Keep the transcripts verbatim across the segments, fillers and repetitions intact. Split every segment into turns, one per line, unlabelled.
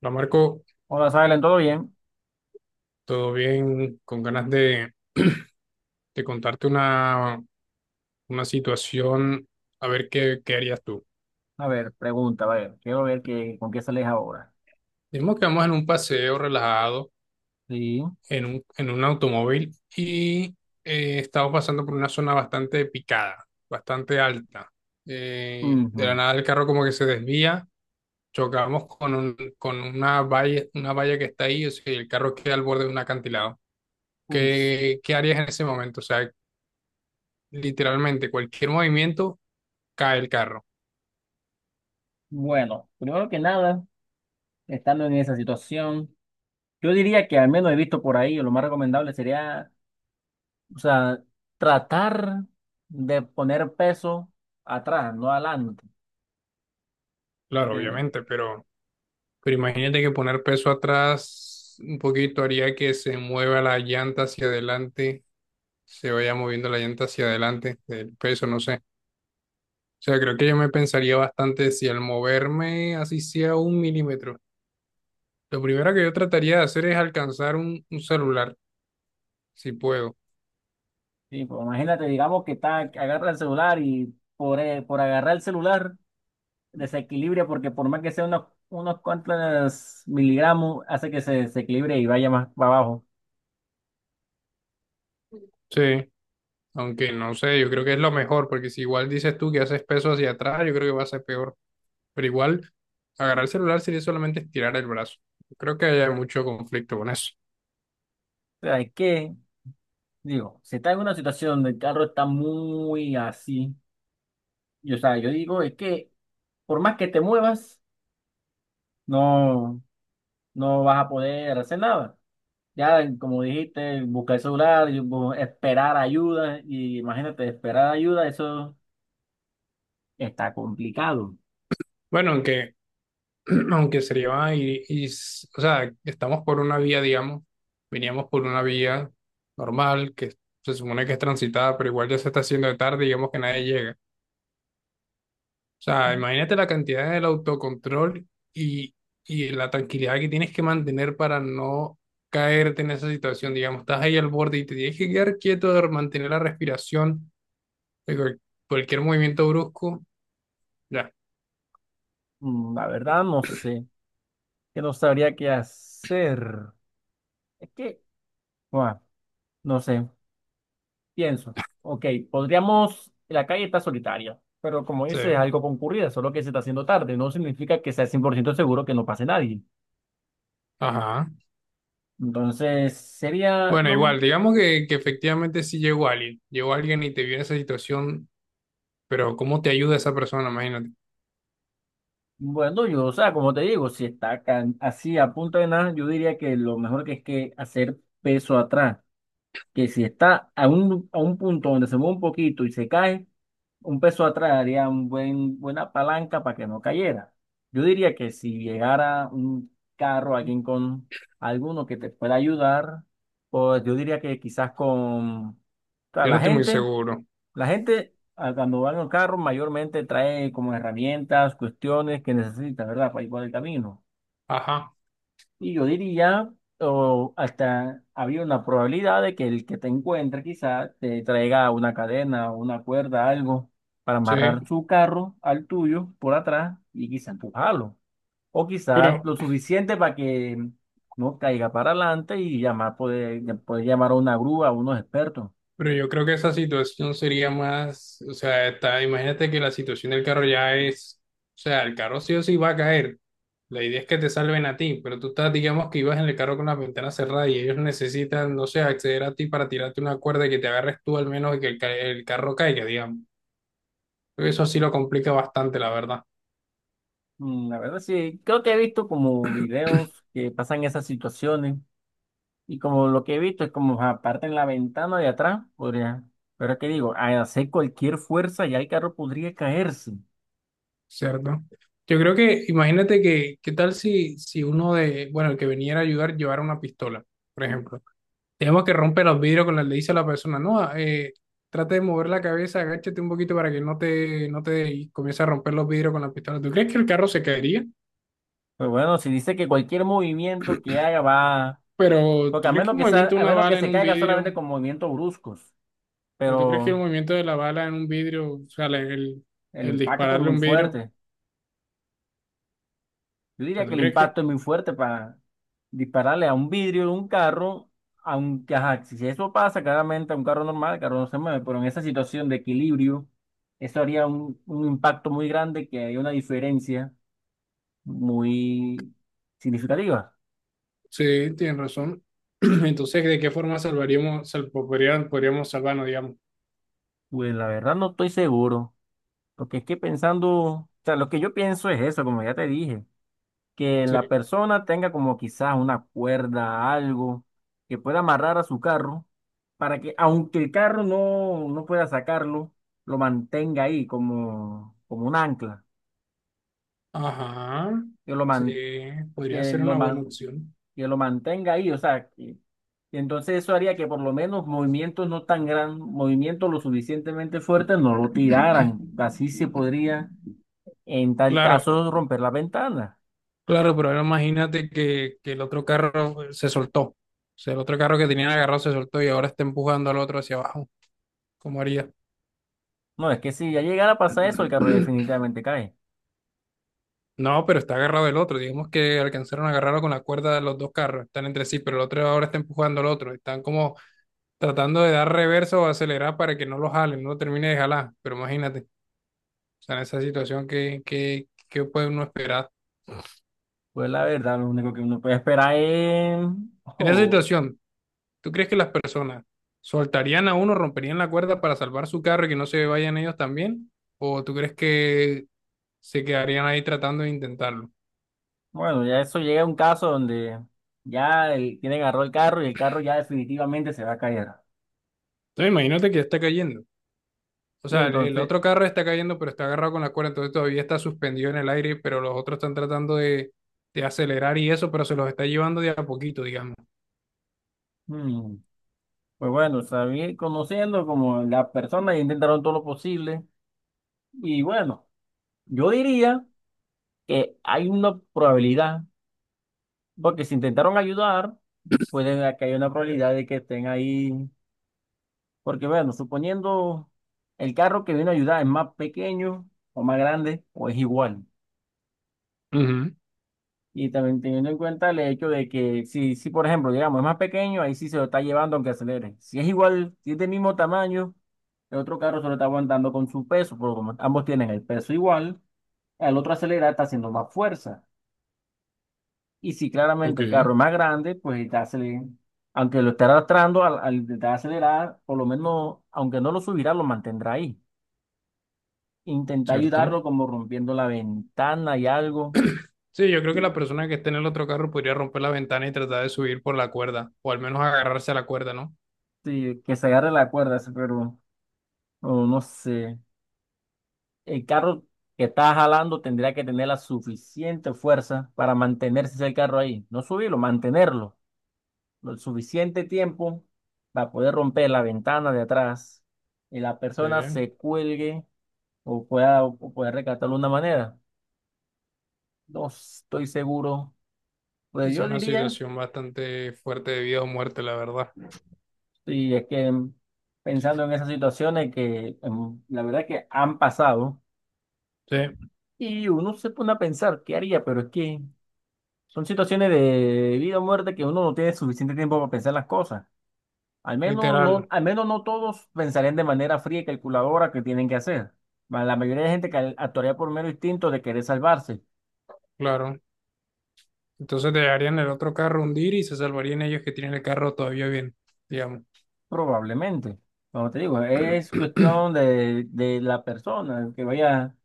No, Marco,
Hola, Silent, ¿todo bien?
todo bien, con ganas de, de contarte una, una situación, a ver qué, qué harías tú.
A ver, pregunta, a ver, quiero ver qué, con qué sales ahora.
Digamos que vamos en un paseo relajado,
Sí.
en un, en un automóvil, y eh, estamos pasando por una zona bastante picada, bastante alta. Eh, de la
Ujú.
nada el carro como que se desvía, chocamos con, un- con una valla, una valla que está ahí, o sea, el carro queda al borde de un acantilado.
Uf.
¿Qué, qué harías en ese momento? O sea, literalmente cualquier movimiento cae el carro.
Bueno, primero que nada, estando en esa situación, yo diría que al menos he visto por ahí, o lo más recomendable sería, o sea, tratar de poner peso atrás, no adelante.
Claro,
Pero,
obviamente, pero, pero imagínate que poner peso atrás un poquito haría que se mueva la llanta hacia adelante, se vaya moviendo la llanta hacia adelante del peso, no sé. O sea, creo que yo me pensaría bastante si al moverme así sea un milímetro. Lo primero que yo trataría de hacer es alcanzar un, un celular, si puedo.
sí, pues imagínate, digamos que está, agarra el celular y por, eh, por agarrar el celular. Desequilibrio, porque por más que sea unos, unos cuantos miligramos, hace que se desequilibre y vaya más para abajo.
Sí, aunque no sé, yo creo que es lo mejor, porque si igual dices tú que haces peso hacia atrás, yo creo que va a ser peor. Pero igual, agarrar el celular sería solamente estirar el brazo. Creo que hay mucho conflicto con eso.
O sea, es que, digo, si está en una situación donde el carro está muy así, y, o sea, yo digo, es que por más que te muevas, no, no vas a poder hacer nada. Ya, como dijiste, buscar el celular, y bu- esperar ayuda, y imagínate, esperar ayuda, eso está complicado.
Bueno, aunque, aunque sería, y, y, s- o sea, estamos por una vía, digamos, veníamos por una vía normal, que se supone que es transitada, pero igual ya se está haciendo de tarde, digamos que nadie llega. O sea, imagínate la cantidad del autocontrol y, y la tranquilidad que tienes que mantener para no caerte en esa situación, digamos, estás ahí al borde y te tienes que quedar quieto, mantener la respiración de cual- cualquier movimiento brusco, ya,
Mm, la verdad, no sé, que no sabría qué hacer. Es que, guau. No sé, pienso. Ok, podríamos. La calle está solitaria, pero como dices, es
se.
algo concurrida, solo que se está haciendo tarde. No significa que sea cien por ciento seguro que no pase nadie.
Ajá.
Entonces, sería
Bueno, igual,
lo.
digamos que, que efectivamente sí llegó alguien, llegó alguien y te vio en esa situación, pero ¿cómo te ayuda esa persona? Imagínate.
Bueno, yo, o sea, como te digo, si está acá, así a punto de nada, yo diría que lo mejor que es que hacer peso atrás. Que si está a un, a un punto donde se mueve un poquito y se cae, un peso atrás haría un buen, buena palanca para que no cayera. Yo diría que si llegara un carro, alguien con alguno que te pueda ayudar, pues yo diría que quizás con o sea,
Yo no
la
estoy muy
gente,
seguro.
la gente ah, cuando va en el carro mayormente trae como herramientas, cuestiones que necesita, ¿verdad? Para ir por el camino.
Ajá,
Y yo diría, o hasta había una probabilidad de que el que te encuentre quizá te traiga una cadena o una cuerda, algo, para amarrar
sí.
su carro al tuyo por atrás y quizá empujarlo. O quizá
Pero
lo suficiente para que no caiga para adelante y llamar, poder, poder llamar a una grúa, a unos expertos.
Pero yo creo que esa situación sería más, o sea, está, imagínate que la situación del carro ya es, o sea, el carro sí o sí va a caer. La idea es que te salven a ti, pero tú estás, digamos que ibas en el carro con la ventana cerrada y ellos necesitan, no sé, acceder a ti para tirarte una cuerda y que te agarres tú al menos y que el, ca- el carro caiga, digamos. Creo que eso sí lo complica bastante, la verdad.
Mm, la verdad sí, creo que he visto como videos que pasan esas situaciones. Y como lo que he visto es como aparte en la ventana de atrás, podría. Pero es que digo, al hacer cualquier fuerza ya el carro podría caerse.
Cierto. Yo creo que, imagínate que, ¿qué tal si, si uno de, bueno, el que venía a ayudar llevara una pistola, por ejemplo? Digamos que rompe los vidrios con la le dice a la persona, no, eh, trata de mover la cabeza, agáchate un poquito para que no te, no te y comience a romper los vidrios con la pistola. ¿Tú crees que el carro se caería?
Pues bueno, si dice que cualquier movimiento que haga va.
Pero
Porque
¿tú
a
crees que
menos
el
que sea,
movimiento de
a
una
menos que
bala en
se
un
caiga
vidrio,
solamente con movimientos bruscos.
pero tú crees que el
Pero
movimiento de la bala en un vidrio, o sea, la- el,
el
el
impacto es
dispararle
muy
un vidrio, o
fuerte. Yo diría
sea,
que
¿tú
el
crees que?
impacto es muy fuerte para dispararle a un vidrio de un carro, aunque ajá, si eso pasa claramente a un carro normal, el carro no se mueve, pero en esa situación de equilibrio, eso haría un, un impacto muy grande que hay una diferencia muy significativa.
Sí, tienes razón. Entonces, ¿de qué forma salvaríamos, sal- podrían- podríamos salvarnos, digamos?
Pues la verdad no estoy seguro, porque es que pensando, o sea, lo que yo pienso es eso, como ya te dije. Que
Sí.
la persona tenga como quizás una cuerda, algo que pueda amarrar a su carro para que aunque el carro no, no pueda sacarlo, lo mantenga ahí como, como un ancla,
Ajá.
que lo,
Sí,
man-
podría
que
ser
lo,
una buena
man-
opción.
que lo mantenga ahí, o sea, que, que entonces eso haría que por lo menos movimientos no tan gran, movimientos lo suficientemente fuertes no lo tiraran, así se podría en tal
Claro,
caso romper la ventana.
claro, pero ahora imagínate que, que el otro carro eh, se soltó. O sea, el otro carro que tenían agarrado se soltó y ahora está empujando al otro hacia abajo. ¿Cómo haría?
No, es que si ya llegara a pasar eso, el carro definitivamente cae.
No, pero está agarrado el otro. Digamos que alcanzaron a agarrarlo con la cuerda de los dos carros. Están entre sí, pero el otro ahora está empujando al otro. Están como tratando de dar reversa o acelerar para que no lo jalen, no lo termine de jalar. Pero imagínate, o sea, en esa situación, ¿qué, qué, qué puede uno esperar?
Pues la verdad, lo único que uno puede esperar es,
En esa
oh,
situación, ¿tú crees que las personas soltarían a uno, romperían la cuerda para salvar su carro y que no se vayan ellos también? ¿O tú crees que se quedarían ahí tratando de intentarlo?
bueno, ya eso llega a un caso donde ya el, quien agarró el carro y el carro ya definitivamente se va a caer.
Entonces imagínate que ya está cayendo. O
Y
sea, el el
entonces,
otro carro está cayendo, pero está agarrado con la cuerda, entonces todavía está suspendido en el aire, pero los otros están tratando de, de acelerar y eso, pero se los está llevando de a poquito, digamos.
mm, pues bueno, sabía, conociendo como las personas intentaron todo lo posible. Y bueno, yo diría que hay una probabilidad, porque si intentaron ayudar, puede que haya una probabilidad de que estén ahí. Porque bueno, suponiendo el carro que vino a ayudar es más pequeño o más grande o es igual.
Ujú.
Y también teniendo en cuenta el hecho de que si, si por ejemplo, digamos, es más pequeño, ahí sí se lo está llevando aunque acelere. Si es igual, si es del mismo tamaño, el otro carro se lo está aguantando con su peso, porque como ambos tienen el peso igual, el otro acelera, está haciendo más fuerza. Y si
Ok.
claramente el carro es más grande, pues está acelerando. Aunque lo esté arrastrando, al, al intentar acelerar, por lo menos, aunque no lo subirá, lo mantendrá ahí. Intenta
Cierto.
ayudarlo como rompiendo la ventana y algo,
Sí, yo creo que la persona que esté en el otro carro podría romper la ventana y tratar de subir por la cuerda, o al menos agarrarse a la cuerda, ¿no?
sí, que se agarre la cuerda, sí, pero no no sé. El carro que está jalando tendría que tener la suficiente fuerza para mantenerse el carro ahí. No subirlo, mantenerlo. Lo suficiente tiempo para poder romper la ventana de atrás y la
Sí,
persona se cuelgue o pueda, o pueda rescatarlo de una manera. No estoy seguro.
que
Pues
es
yo
una
diría,
situación bastante fuerte de vida o muerte, la verdad.
si es que pensando en esas situaciones que em, la verdad que han pasado
Sí,
y uno se pone a pensar, ¿qué haría? Pero es que... Son situaciones de vida o muerte que uno no tiene suficiente tiempo para pensar las cosas. Al menos
literal,
no, al menos no todos pensarían de manera fría y calculadora que tienen que hacer. Ma- La mayoría de gente cal- actuaría por mero instinto de querer salvarse,
claro. Entonces dejarían el otro carro hundir y se salvarían ellos que tienen el carro todavía bien, digamos.
probablemente. Como te digo, es cuestión de, de la persona que vaya,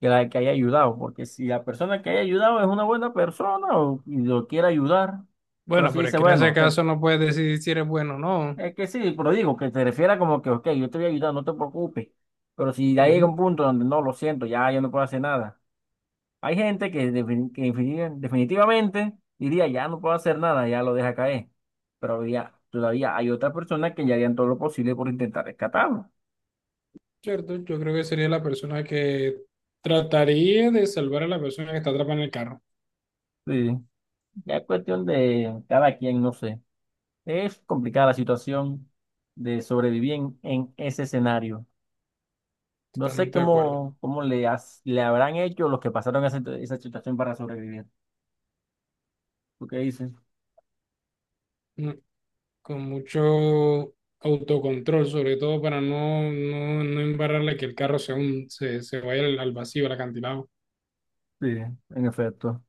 que, la, que haya ayudado, porque si la persona que haya ayudado es una buena persona o, y lo quiere ayudar, pero
Bueno,
si
pero es
dice,
que en ese
bueno, te,
caso no puedes decidir si eres bueno o no.
es que sí, pero digo, que te refiera como que, ok, yo te voy a ayudar, no te preocupes. Pero si ya llega un
Ujú.
punto donde no, lo siento, ya yo no puedo hacer nada. Hay gente que, defini- que infini- definitivamente diría, ya no puedo hacer nada, ya lo deja caer. Pero había- todavía hay otras personas que ya harían todo lo posible por intentar rescatarlo.
Cierto, yo creo que sería la persona que trataría de salvar a la persona que está atrapada en el carro.
Sí, ya es cuestión de cada quien, no sé. Es complicada la situación de sobrevivir en, en ese escenario. No sé
Totalmente de acuerdo.
cómo, cómo le, has- le habrán hecho los que pasaron esa esa situación para sobrevivir. ¿Tú qué dices?
Mm, con mucho autocontrol, sobre todo para no, no, no embarrarle que el carro se, un- se, se vaya al, al vacío, al acantilado.
Sí, en efecto.